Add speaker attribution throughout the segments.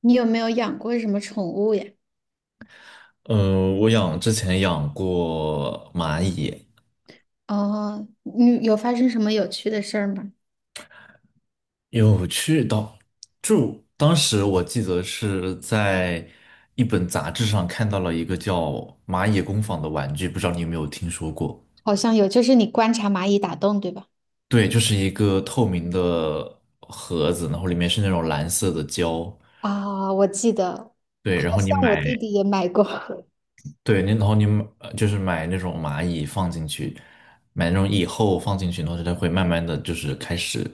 Speaker 1: 你有没有养过什么宠物呀？
Speaker 2: 我之前养过蚂蚁，
Speaker 1: 哦，你有发生什么有趣的事儿吗？
Speaker 2: 有去到，就当时我记得是在一本杂志上看到了一个叫蚂蚁工坊的玩具，不知道你有没有听说过？
Speaker 1: 好像有，就是你观察蚂蚁打洞，对吧？
Speaker 2: 对，就是一个透明的盒子，然后里面是那种蓝色的胶，
Speaker 1: 啊，我记得，
Speaker 2: 对，
Speaker 1: 好
Speaker 2: 然后你
Speaker 1: 像我
Speaker 2: 买。
Speaker 1: 弟弟也买过。
Speaker 2: 对，然后你就是买那种蚂蚁放进去，买那种蚁后放进去，然后它会慢慢的就是开始，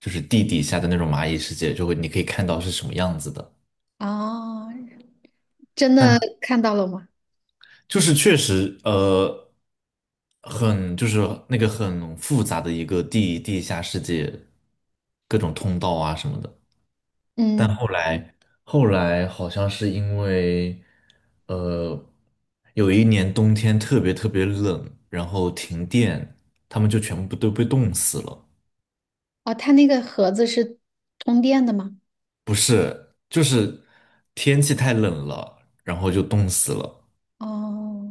Speaker 2: 就是地底下的那种蚂蚁世界，就会你可以看到是什么样子的。
Speaker 1: 哦，真的
Speaker 2: 但
Speaker 1: 看到了吗？
Speaker 2: 就是确实，就是那个很复杂的一个地下世界，各种通道啊什么的。但
Speaker 1: 嗯，
Speaker 2: 后来好像是因为，呃，有一年冬天特别特别冷，然后停电，他们就全部都被冻死了。
Speaker 1: 哦，他那个盒子是通电的吗？
Speaker 2: 不是，就是天气太冷了，然后就冻死了。
Speaker 1: 哦，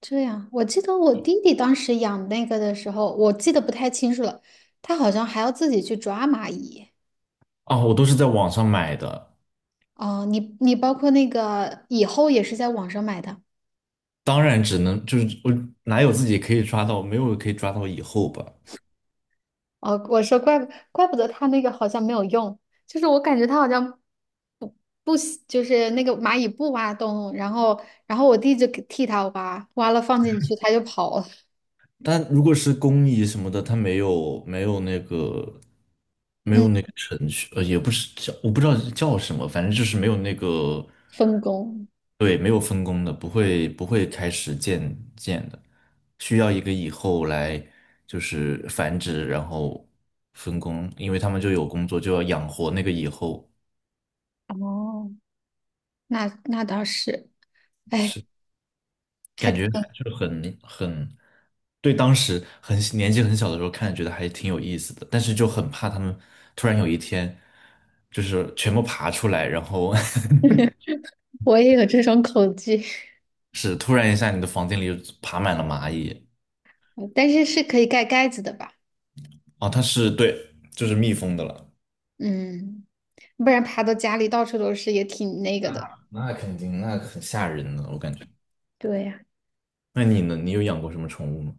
Speaker 1: 这样，我记得我弟弟当时养那个的时候，我记得不太清楚了，他好像还要自己去抓蚂蚁。
Speaker 2: 啊，我都是在网上买的，
Speaker 1: 哦，你包括那个以后也是在网上买的。
Speaker 2: 当然只能就是我哪有自己可以抓到，没有可以抓到以后吧。
Speaker 1: 哦，我说怪不得他那个好像没有用，就是我感觉他好像不不喜就是那个蚂蚁不挖洞，然后我弟就给替他挖，挖了放进去他就跑了，
Speaker 2: 但如果是工蚁什么的，它没有没有那个没
Speaker 1: 嗯，
Speaker 2: 有那个程序，也不是叫我不知道叫什么，反正就是没有那个。
Speaker 1: 分工。
Speaker 2: 对，没有分工的，不会开始建的，需要一个蚁后来就是繁殖，然后分工，因为他们就有工作，就要养活那个蚁后，
Speaker 1: 哦，那倒是，哎，还
Speaker 2: 感
Speaker 1: 挺，
Speaker 2: 觉就很。对，当时年纪很小的时候看，觉得还挺有意思的，但是就很怕他们突然有一天就是全部爬出来，然后
Speaker 1: 我也有这种恐惧，
Speaker 2: 是突然一下你的房间里就爬满了蚂蚁。
Speaker 1: 但是是可以盖盖子的吧？
Speaker 2: 哦，它是对，就是蜜蜂的了。
Speaker 1: 嗯，不然爬到家里到处都是也挺那个的。
Speaker 2: 那肯定，那很吓人呢，我感觉。
Speaker 1: 对呀。
Speaker 2: 那你呢？你有养过什么宠物吗？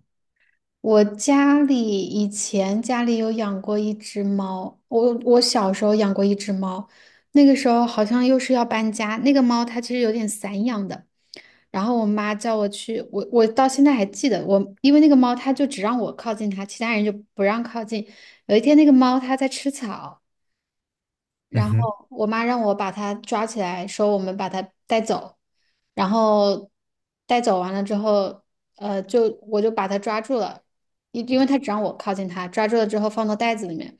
Speaker 1: 我家里以前家里有养过一只猫，我小时候养过一只猫，那个时候好像又是要搬家，那个猫它其实有点散养的，然后我妈叫我去，我到现在还记得，我因为那个猫它就只让我靠近它，其他人就不让靠近。有一天那个猫它在吃草。
Speaker 2: 嗯
Speaker 1: 然
Speaker 2: 哼，
Speaker 1: 后我妈让我把它抓起来，说我们把它带走，然后带走完了之后，就我就把它抓住了，因为它只让我靠近它，抓住了之后放到袋子里面，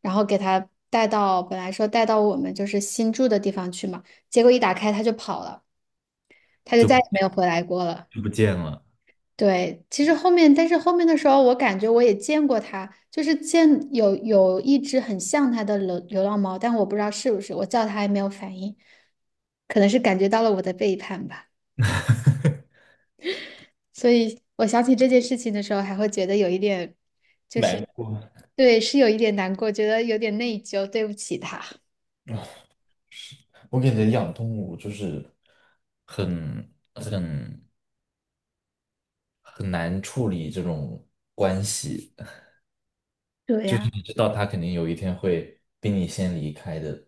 Speaker 1: 然后给它带到本来说带到我们就是新住的地方去嘛，结果一打开它就跑了，它就
Speaker 2: 就不
Speaker 1: 再也没有回来过了。
Speaker 2: 就不见了。
Speaker 1: 对，其实后面，但是后面的时候，我感觉我也见过它，就是见有一只很像它的流浪猫，但我不知道是不是，我叫它还没有反应，可能是感觉到了我的背叛吧。所以我想起这件事情的时候，还会觉得有一点，就
Speaker 2: 难
Speaker 1: 是
Speaker 2: 过，
Speaker 1: 对，是有一点难过，觉得有点内疚，对不起它。
Speaker 2: 我感觉养动物就是很很很难处理这种关系。
Speaker 1: 对呀、
Speaker 2: 知道他肯定有一天会比你先离开的，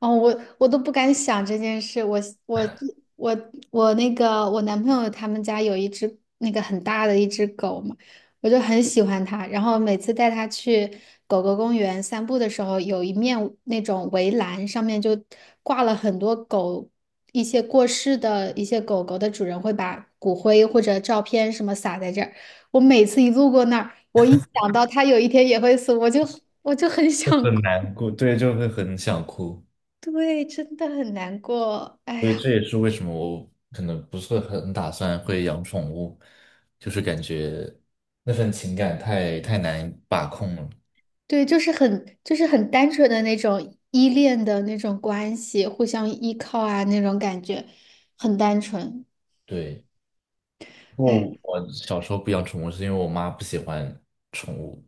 Speaker 1: 哦，我都不敢想这件事。我我那个我男朋友他们家有一只那个很大的一只狗嘛，我就很喜欢它。然后每次带它去狗狗公园散步的时候，有一面那种围栏上面就挂了很多狗，一些过世的一些狗狗的主人会把骨灰或者照片什么撒在这儿。我每次一路过那儿，我一想到它有一天也会死，我就很想
Speaker 2: 很难过，对，就会很想哭。
Speaker 1: 对，真的很难过。哎
Speaker 2: 所以
Speaker 1: 呀，
Speaker 2: 这也是为什么我可能不是很打算会养宠物，就是感觉那份情感太难把控了。
Speaker 1: 对，就是很单纯的那种依恋的那种关系，互相依靠啊，那种感觉很单纯。
Speaker 2: 对，不过
Speaker 1: 哎，
Speaker 2: 我小时候不养宠物是因为我妈不喜欢宠物。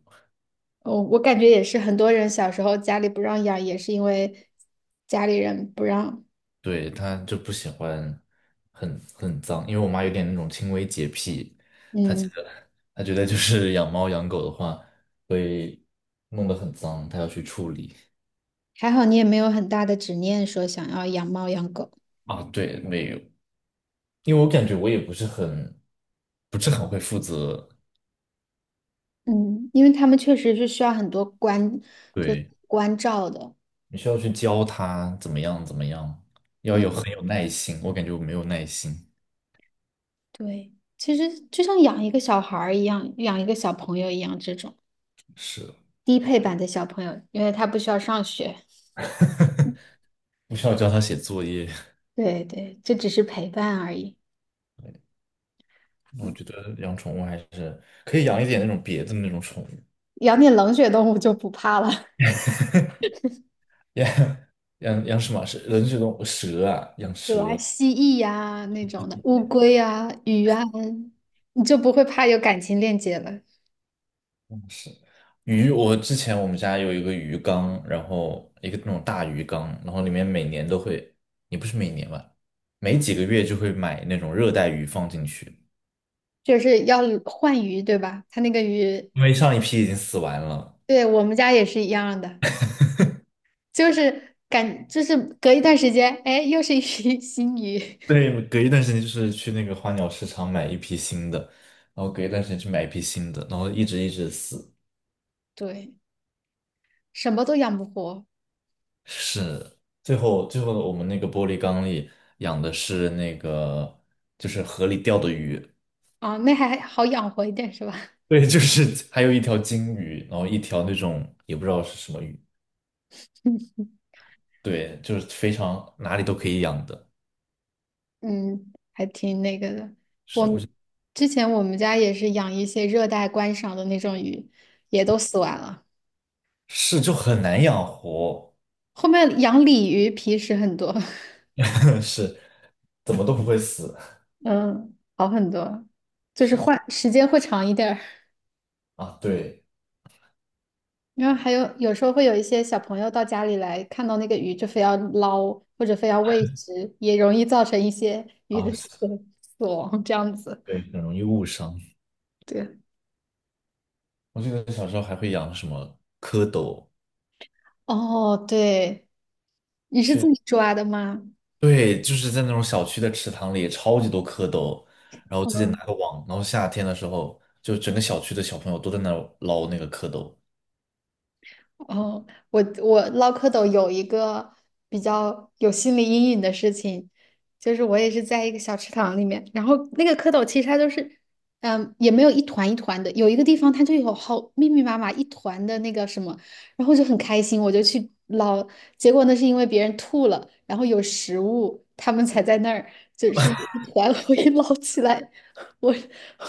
Speaker 1: 我感觉也是，很多人小时候家里不让养，也是因为家里人不让。
Speaker 2: 对，她就不喜欢很脏，因为我妈有点那种轻微洁癖，她觉
Speaker 1: 嗯，
Speaker 2: 得她觉得就是养猫养狗的话会弄得很脏，她要去处理。
Speaker 1: 还好你也没有很大的执念说想要养猫养狗。
Speaker 2: 啊，对，没有，因为我感觉我也不是很会负责，
Speaker 1: 嗯，因为他们确实是需要很多关，就是
Speaker 2: 对，
Speaker 1: 关照的。
Speaker 2: 你需要去教她怎么样怎么样，要
Speaker 1: 嗯。
Speaker 2: 有很有耐心，我感觉我没有耐心，
Speaker 1: 对，其实就像养一个小孩儿一样，养一个小朋友一样，这种
Speaker 2: 是。
Speaker 1: 低配版的小朋友，因为他不需要上学。
Speaker 2: 不需要教它写作业。
Speaker 1: 对对，这只是陪伴而已。
Speaker 2: 我觉得养宠物还是可以养一点那种别的那种宠物，
Speaker 1: 养点冷血动物就不怕了，
Speaker 2: 养养什么？是人是动物蛇啊，养
Speaker 1: 比如啊
Speaker 2: 蛇。
Speaker 1: 蜥蜴呀、那种的，乌龟呀、鱼啊，你就不会怕有感情链接了。
Speaker 2: 嗯，是鱼，我之前我们家有一个鱼缸，然后一个那种大鱼缸，然后里面每年都会，也不是每年吧，每几个月就会买那种热带鱼放进去，
Speaker 1: 就是要换鱼，对吧？它那个鱼，
Speaker 2: 因为上一批已经死完了。
Speaker 1: 对我们家也是一样的，就是感，就是隔一段时间，哎，又是一批 新鱼，
Speaker 2: 对，隔一段时间就是去那个花鸟市场买一批新的，然后隔一段时间去买一批新的，然后一直一直死。
Speaker 1: 对，什么都养不活。
Speaker 2: 是，最后我们那个玻璃缸里养的是那个，就是河里钓的鱼，
Speaker 1: 啊，那还好养活一点是吧？
Speaker 2: 对，就是还有一条金鱼，然后一条那种也不知道是什么鱼，对，就是非常哪里都可以养的，
Speaker 1: 嗯，还挺那个的。我们之前我们家也是养一些热带观赏的那种鱼，也都死完了。
Speaker 2: 是，就很难养活，
Speaker 1: 后面养鲤鱼皮实很多，
Speaker 2: 是，怎么都不会死，
Speaker 1: 嗯，好很多，就是
Speaker 2: 是
Speaker 1: 换时间会长一点儿。
Speaker 2: 啊，对
Speaker 1: 然后还有时候会有一些小朋友到家里来，看到那个鱼就非要捞，或者非要喂食，也容易造成一些鱼的
Speaker 2: 啊，是，
Speaker 1: 死亡这样子。
Speaker 2: 对，很容易误伤。
Speaker 1: 对，
Speaker 2: 我记得小时候还会养什么蝌蚪，
Speaker 1: 哦，对，你是自
Speaker 2: 去。
Speaker 1: 己抓的吗？
Speaker 2: 对，就是在那种小区的池塘里，超级多蝌蚪，然后自己拿个网，然后夏天的时候，就整个小区的小朋友都在那儿捞那个蝌蚪。
Speaker 1: 哦，我捞蝌蚪有一个比较有心理阴影的事情，就是我也是在一个小池塘里面，然后那个蝌蚪其实它就是，嗯，也没有一团一团的，有一个地方它就有好密密麻麻一团的那个什么，然后就很开心，我就去捞，结果那是因为别人吐了，然后有食物，它们才在那儿，就是一团 我一捞起来，我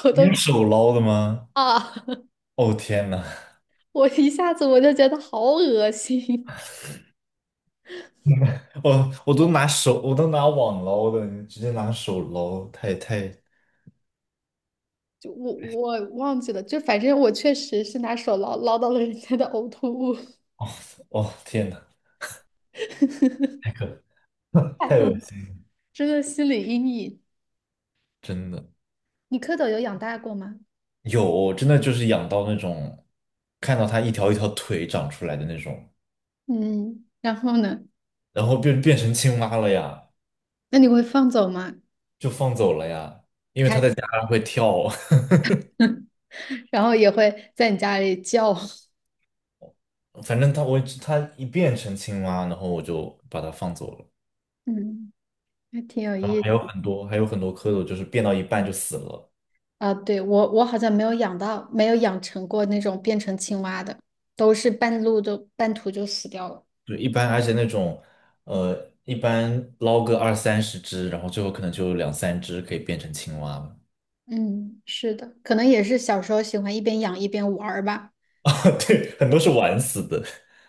Speaker 1: 我
Speaker 2: 你
Speaker 1: 都
Speaker 2: 用手捞的吗？
Speaker 1: 啊，
Speaker 2: 哦天呐，
Speaker 1: 我一下子我就觉得好恶心。
Speaker 2: 我都拿手，我都拿网捞的，你直接拿手捞，太，
Speaker 1: 就我忘记了，就反正我确实是拿手捞到了人家的呕吐物，
Speaker 2: 哦天呐，太可，
Speaker 1: 太
Speaker 2: 太
Speaker 1: 恶
Speaker 2: 恶
Speaker 1: 了
Speaker 2: 心了，
Speaker 1: 真的心理阴影。
Speaker 2: 真的
Speaker 1: 你蝌蚪有养大过吗？
Speaker 2: 有，真的就是养到那种，看到它一条一条腿长出来的那种，
Speaker 1: 嗯，然后呢？
Speaker 2: 然后变成青蛙了呀，
Speaker 1: 那你会放走吗？
Speaker 2: 就放走了呀，
Speaker 1: 它
Speaker 2: 它还会跳。
Speaker 1: 然后也会在你家里叫，
Speaker 2: 反正它一变成青蛙，然后我就把它放走了。
Speaker 1: 嗯 还挺有
Speaker 2: 然后
Speaker 1: 意
Speaker 2: 还有
Speaker 1: 思
Speaker 2: 很多还有很多蝌蚪，就是变到一半就死了。
Speaker 1: 啊。对，我好像没有养到，没有养成过那种变成青蛙的，都是半路都半途就死掉了。
Speaker 2: 就一般，而且那种呃，一般捞个二三十只，然后最后可能就有两三只可以变成青蛙了。
Speaker 1: 嗯，是的，可能也是小时候喜欢一边养一边玩儿吧。
Speaker 2: 啊，对，很多是玩死的，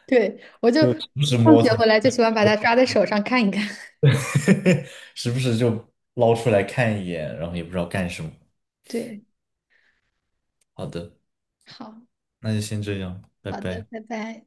Speaker 1: 对，我就
Speaker 2: 就时不时
Speaker 1: 放
Speaker 2: 摸
Speaker 1: 学
Speaker 2: 它，
Speaker 1: 回来就喜欢把它抓在手上看一看。
Speaker 2: 时不时就捞出来看一眼，然后也不知道干什么。
Speaker 1: 对，
Speaker 2: 好的，
Speaker 1: 好，
Speaker 2: 那就先这样，拜
Speaker 1: 好的，
Speaker 2: 拜。
Speaker 1: 拜拜。